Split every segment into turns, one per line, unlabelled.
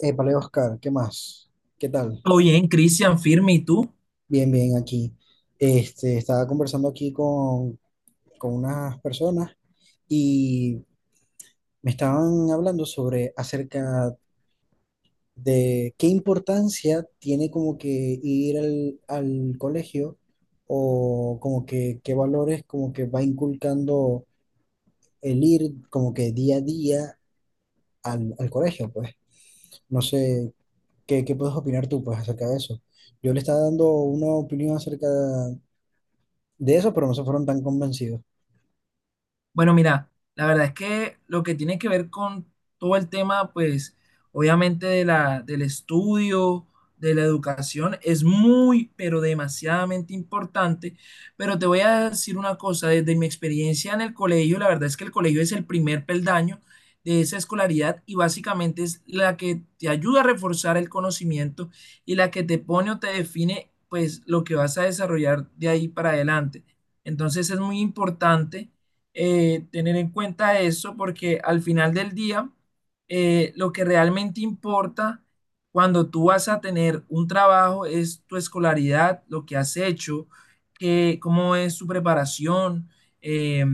Épale, Oscar, ¿qué más? ¿Qué tal?
Todo bien, Cristian, firme, ¿y tú?
Bien, bien, aquí. Estaba conversando aquí con unas personas y me estaban hablando sobre acerca de qué importancia tiene como que ir al, al colegio o como que qué valores como que va inculcando el ir como que día a día al, al colegio, pues. No sé, ¿qué puedes opinar tú, pues, ¿acerca de eso? Yo le estaba dando una opinión acerca de eso, pero no se fueron tan convencidos.
Bueno, mira, la verdad es que lo que tiene que ver con todo el tema, pues, obviamente de la, del estudio, de la educación, es muy, pero demasiadamente importante. Pero te voy a decir una cosa, desde mi experiencia en el colegio, la verdad es que el colegio es el primer peldaño de esa escolaridad y básicamente es la que te ayuda a reforzar el conocimiento y la que te pone o te define, pues, lo que vas a desarrollar de ahí para adelante. Entonces es muy importante tener en cuenta eso porque al final del día, lo que realmente importa cuando tú vas a tener un trabajo es tu escolaridad, lo que has hecho, que, cómo es tu preparación, eh,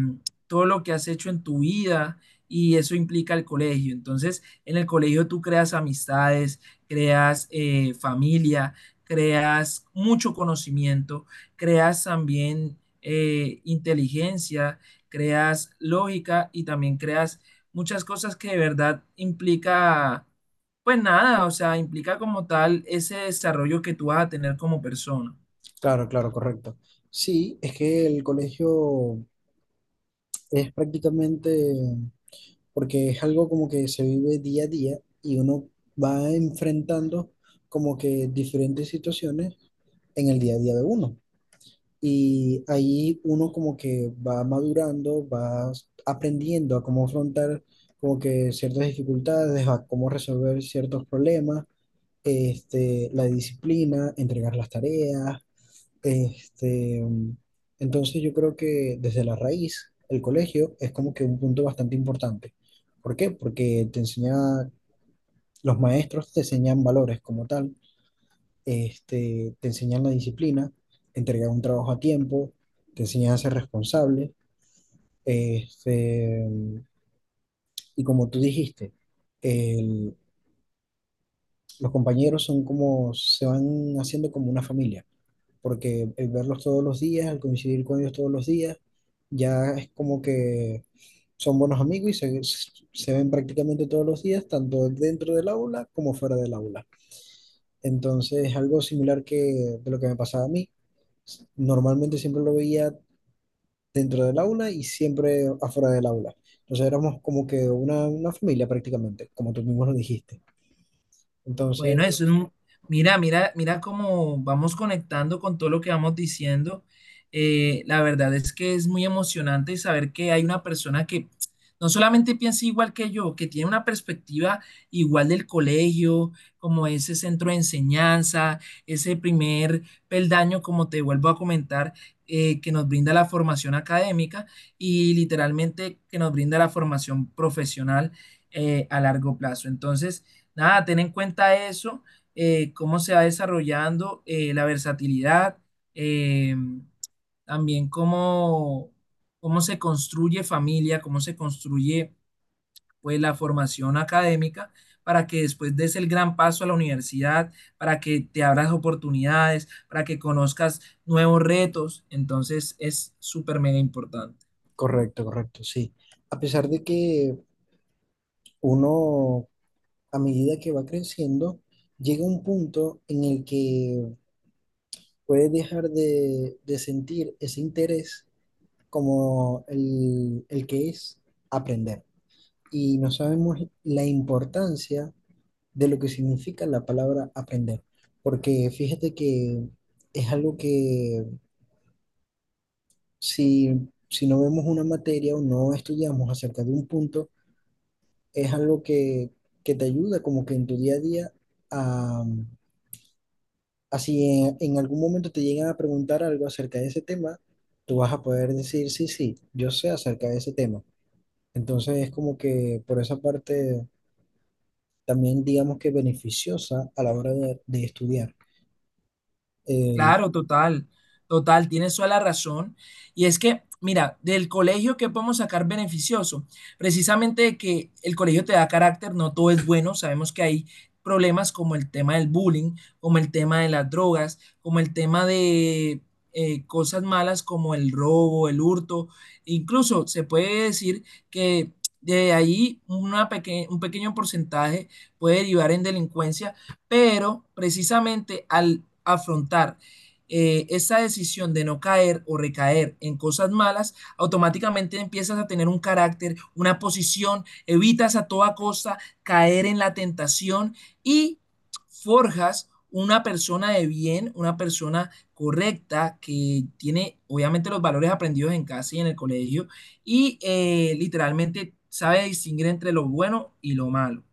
todo lo que has hecho en tu vida. Y eso implica el colegio. Entonces, en el colegio tú creas amistades, creas familia, creas mucho conocimiento, creas también inteligencia, creas lógica y también creas muchas cosas que de verdad implica, pues nada, o sea, implica como tal ese desarrollo que tú vas a tener como persona.
Claro, claro, correcto. Sí, es que el colegio es prácticamente, porque es algo como que se vive día a día y uno va enfrentando como que diferentes situaciones en el día a día de uno. Y ahí uno como que va madurando, va aprendiendo a cómo afrontar como que ciertas dificultades, a cómo resolver ciertos problemas, la disciplina, entregar las tareas. Este, mm, entonces yo creo que desde la raíz, el colegio es como que un punto bastante importante. ¿Por qué? Porque te enseña, los maestros te enseñan valores como tal, te enseñan la disciplina, entregar un trabajo a tiempo, te enseñan a ser responsable, este, mm, y como tú dijiste, el- los compañeros son como, se van haciendo como una familia, porque el verlos todos los días, al coincidir con ellos todos los días, ya es como que son buenos amigos y se ven prácticamente todos los días, tanto dentro del aula como fuera del aula. Entonces, algo similar que de lo que me pasaba a mí, normalmente siempre lo veía dentro del aula y siempre afuera del aula. Entonces éramos como que una familia prácticamente, como tú mismo lo dijiste. Entonces,
Bueno, mira, mira, mira cómo vamos conectando con todo lo que vamos diciendo. La verdad es que es muy emocionante saber que hay una persona que no solamente piensa igual que yo, que tiene una perspectiva igual del colegio, como ese centro de enseñanza, ese primer peldaño, como te vuelvo a comentar, que nos brinda la formación académica y literalmente que nos brinda la formación profesional a largo plazo. Entonces, nada, ten en cuenta eso, cómo se va desarrollando la versatilidad, eh, también cómo, cómo se construye familia, cómo se construye pues la formación académica para que después des el gran paso a la universidad, para que te abras oportunidades, para que conozcas nuevos retos. Entonces es súper mega importante.
correcto, correcto, sí. A pesar de que uno a medida que va creciendo, llega un punto en el que puedes dejar de sentir ese interés como el que es aprender. Y no sabemos la importancia de lo que significa la palabra aprender, porque fíjate que es algo que si no vemos una materia o no estudiamos acerca de un punto, es algo que te ayuda como que en tu día a día a. Así en algún momento te llegan a preguntar algo acerca de ese tema, tú vas a poder decir, sí, sí, yo sé acerca de ese tema. Entonces es como que por esa parte también digamos que beneficiosa a la hora de estudiar. Eh,
Claro, total, total, tienes toda la razón. Y es que, mira, del colegio, ¿qué podemos sacar beneficioso? Precisamente de que el colegio te da carácter, no todo es bueno. Sabemos que hay problemas como el tema del bullying, como el tema de las drogas, como el tema de cosas malas como el robo, el hurto. Incluso se puede decir que de ahí una un pequeño porcentaje puede derivar en delincuencia, pero precisamente al afrontar esa decisión de no caer o recaer en cosas malas, automáticamente empiezas a tener un carácter, una posición, evitas a toda costa caer en la tentación y forjas una persona de bien, una persona correcta que tiene obviamente los valores aprendidos en casa y en el colegio y literalmente sabe distinguir entre lo bueno y lo malo.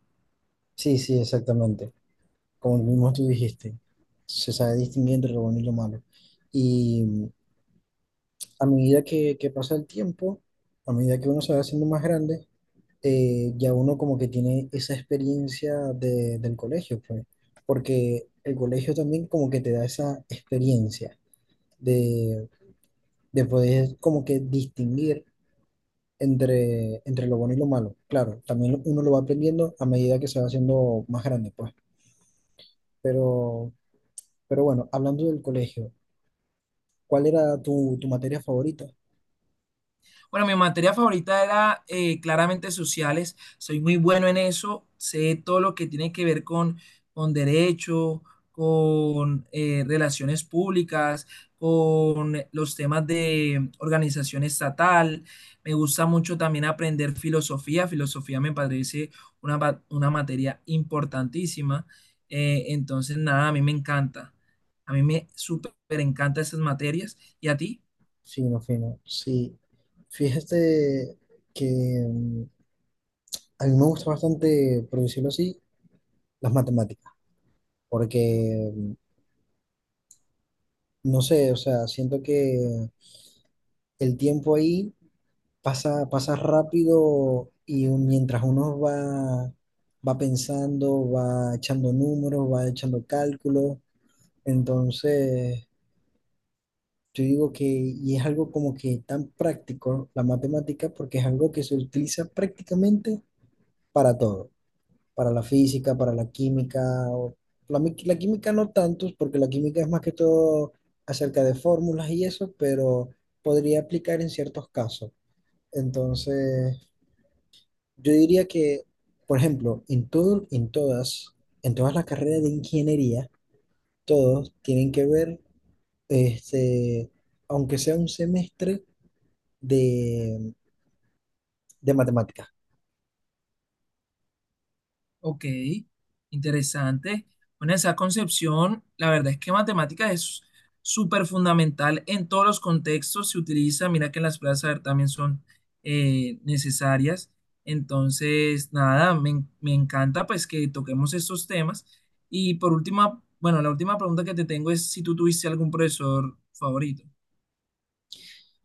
sí, sí, exactamente. Como mismo tú dijiste, se sabe distinguir entre lo bueno y lo malo. Y a medida que pasa el tiempo, a medida que uno se va haciendo más grande, ya uno como que tiene esa experiencia del colegio, pues, porque el colegio también como que te da esa experiencia de, de poder como que distinguir entre, entre lo bueno y lo malo. Claro, también uno lo va aprendiendo a medida que se va haciendo más grande, pues, pero, pero bueno, hablando del colegio, ¿cuál era tu, tu materia favorita?
Bueno, mi materia favorita era claramente sociales. Soy muy bueno en eso. Sé todo lo que tiene que ver con derecho, con relaciones públicas, con los temas de organización estatal. Me gusta mucho también aprender filosofía. Filosofía me parece una materia importantísima. Entonces, nada, a mí me encanta. A mí me súper encanta esas materias. ¿Y a ti?
Sí, no, fino. Sí, fíjate que mm, a mí me gusta bastante, por decirlo así, las matemáticas. Porque, no sé, o sea, siento que el tiempo ahí pasa, pasa rápido y mientras uno va, va pensando, va echando números, va echando cálculos, entonces yo digo que, y es algo como que tan práctico la matemática, porque es algo que se utiliza prácticamente para todo, para la física, para la química. o- la, la química no tantos, porque la química es más que todo acerca de fórmulas y eso, pero podría aplicar en ciertos casos. Entonces, yo diría que, por ejemplo, en todo, en todas las carreras de ingeniería, todos tienen que ver, este, aunque sea un semestre de, de matemáticas.
Ok, interesante. Bueno, esa concepción, la verdad es que matemáticas es súper fundamental en todos los contextos, se utiliza, mira que las pruebas de saber también son necesarias. Entonces, nada, me encanta pues que toquemos estos temas. Y por última, bueno, la última pregunta que te tengo es si tú tuviste algún profesor favorito.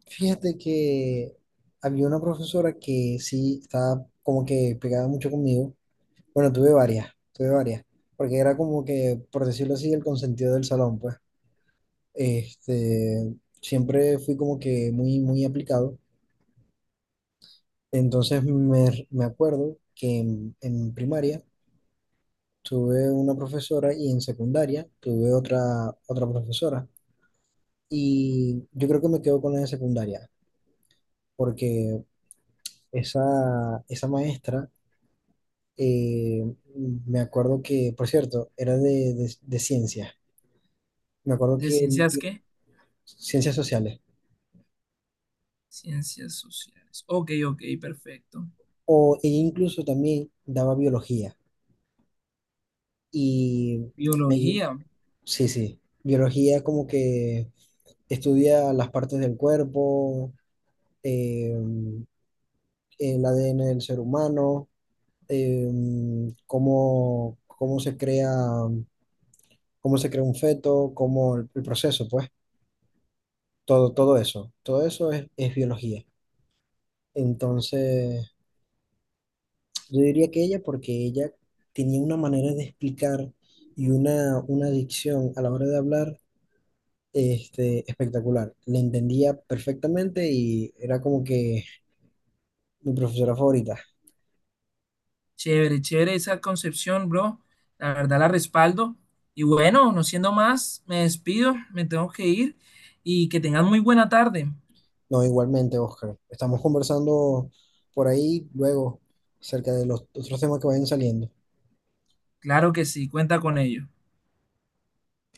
Fíjate que había una profesora que sí estaba como que pegada mucho conmigo. Bueno, tuve varias, porque era como que, por decirlo así, el consentido del salón, pues. Este, siempre fui como que muy, muy aplicado. Entonces me acuerdo que en primaria tuve una profesora y en secundaria tuve otra profesora. Y yo creo que me quedo con la de secundaria, porque esa maestra, eh, me acuerdo que, por cierto, era de ciencias. Me acuerdo
¿De
que
ciencias qué?
ciencias sociales.
Ciencias sociales. Ok, ok, perfecto.
O ella incluso también daba biología. Y me ayu-
Biología.
sí, sí, biología como que estudia las partes del cuerpo, eh, el ADN del ser humano, eh, cómo, cómo se crea un feto, cómo el proceso, pues, todo, todo eso. Todo eso es biología. Entonces, yo diría que ella, porque ella tenía una manera de explicar y una dicción a la hora de hablar, espectacular. Le entendía perfectamente y era como que mi profesora favorita.
Chévere, chévere esa concepción, bro. La verdad la respaldo. Y bueno, no siendo más, me despido, me tengo que ir y que tengan muy buena tarde.
No, igualmente, Oscar. Estamos conversando por ahí luego acerca de los otros temas que vayan saliendo.
Claro que sí, cuenta con ello.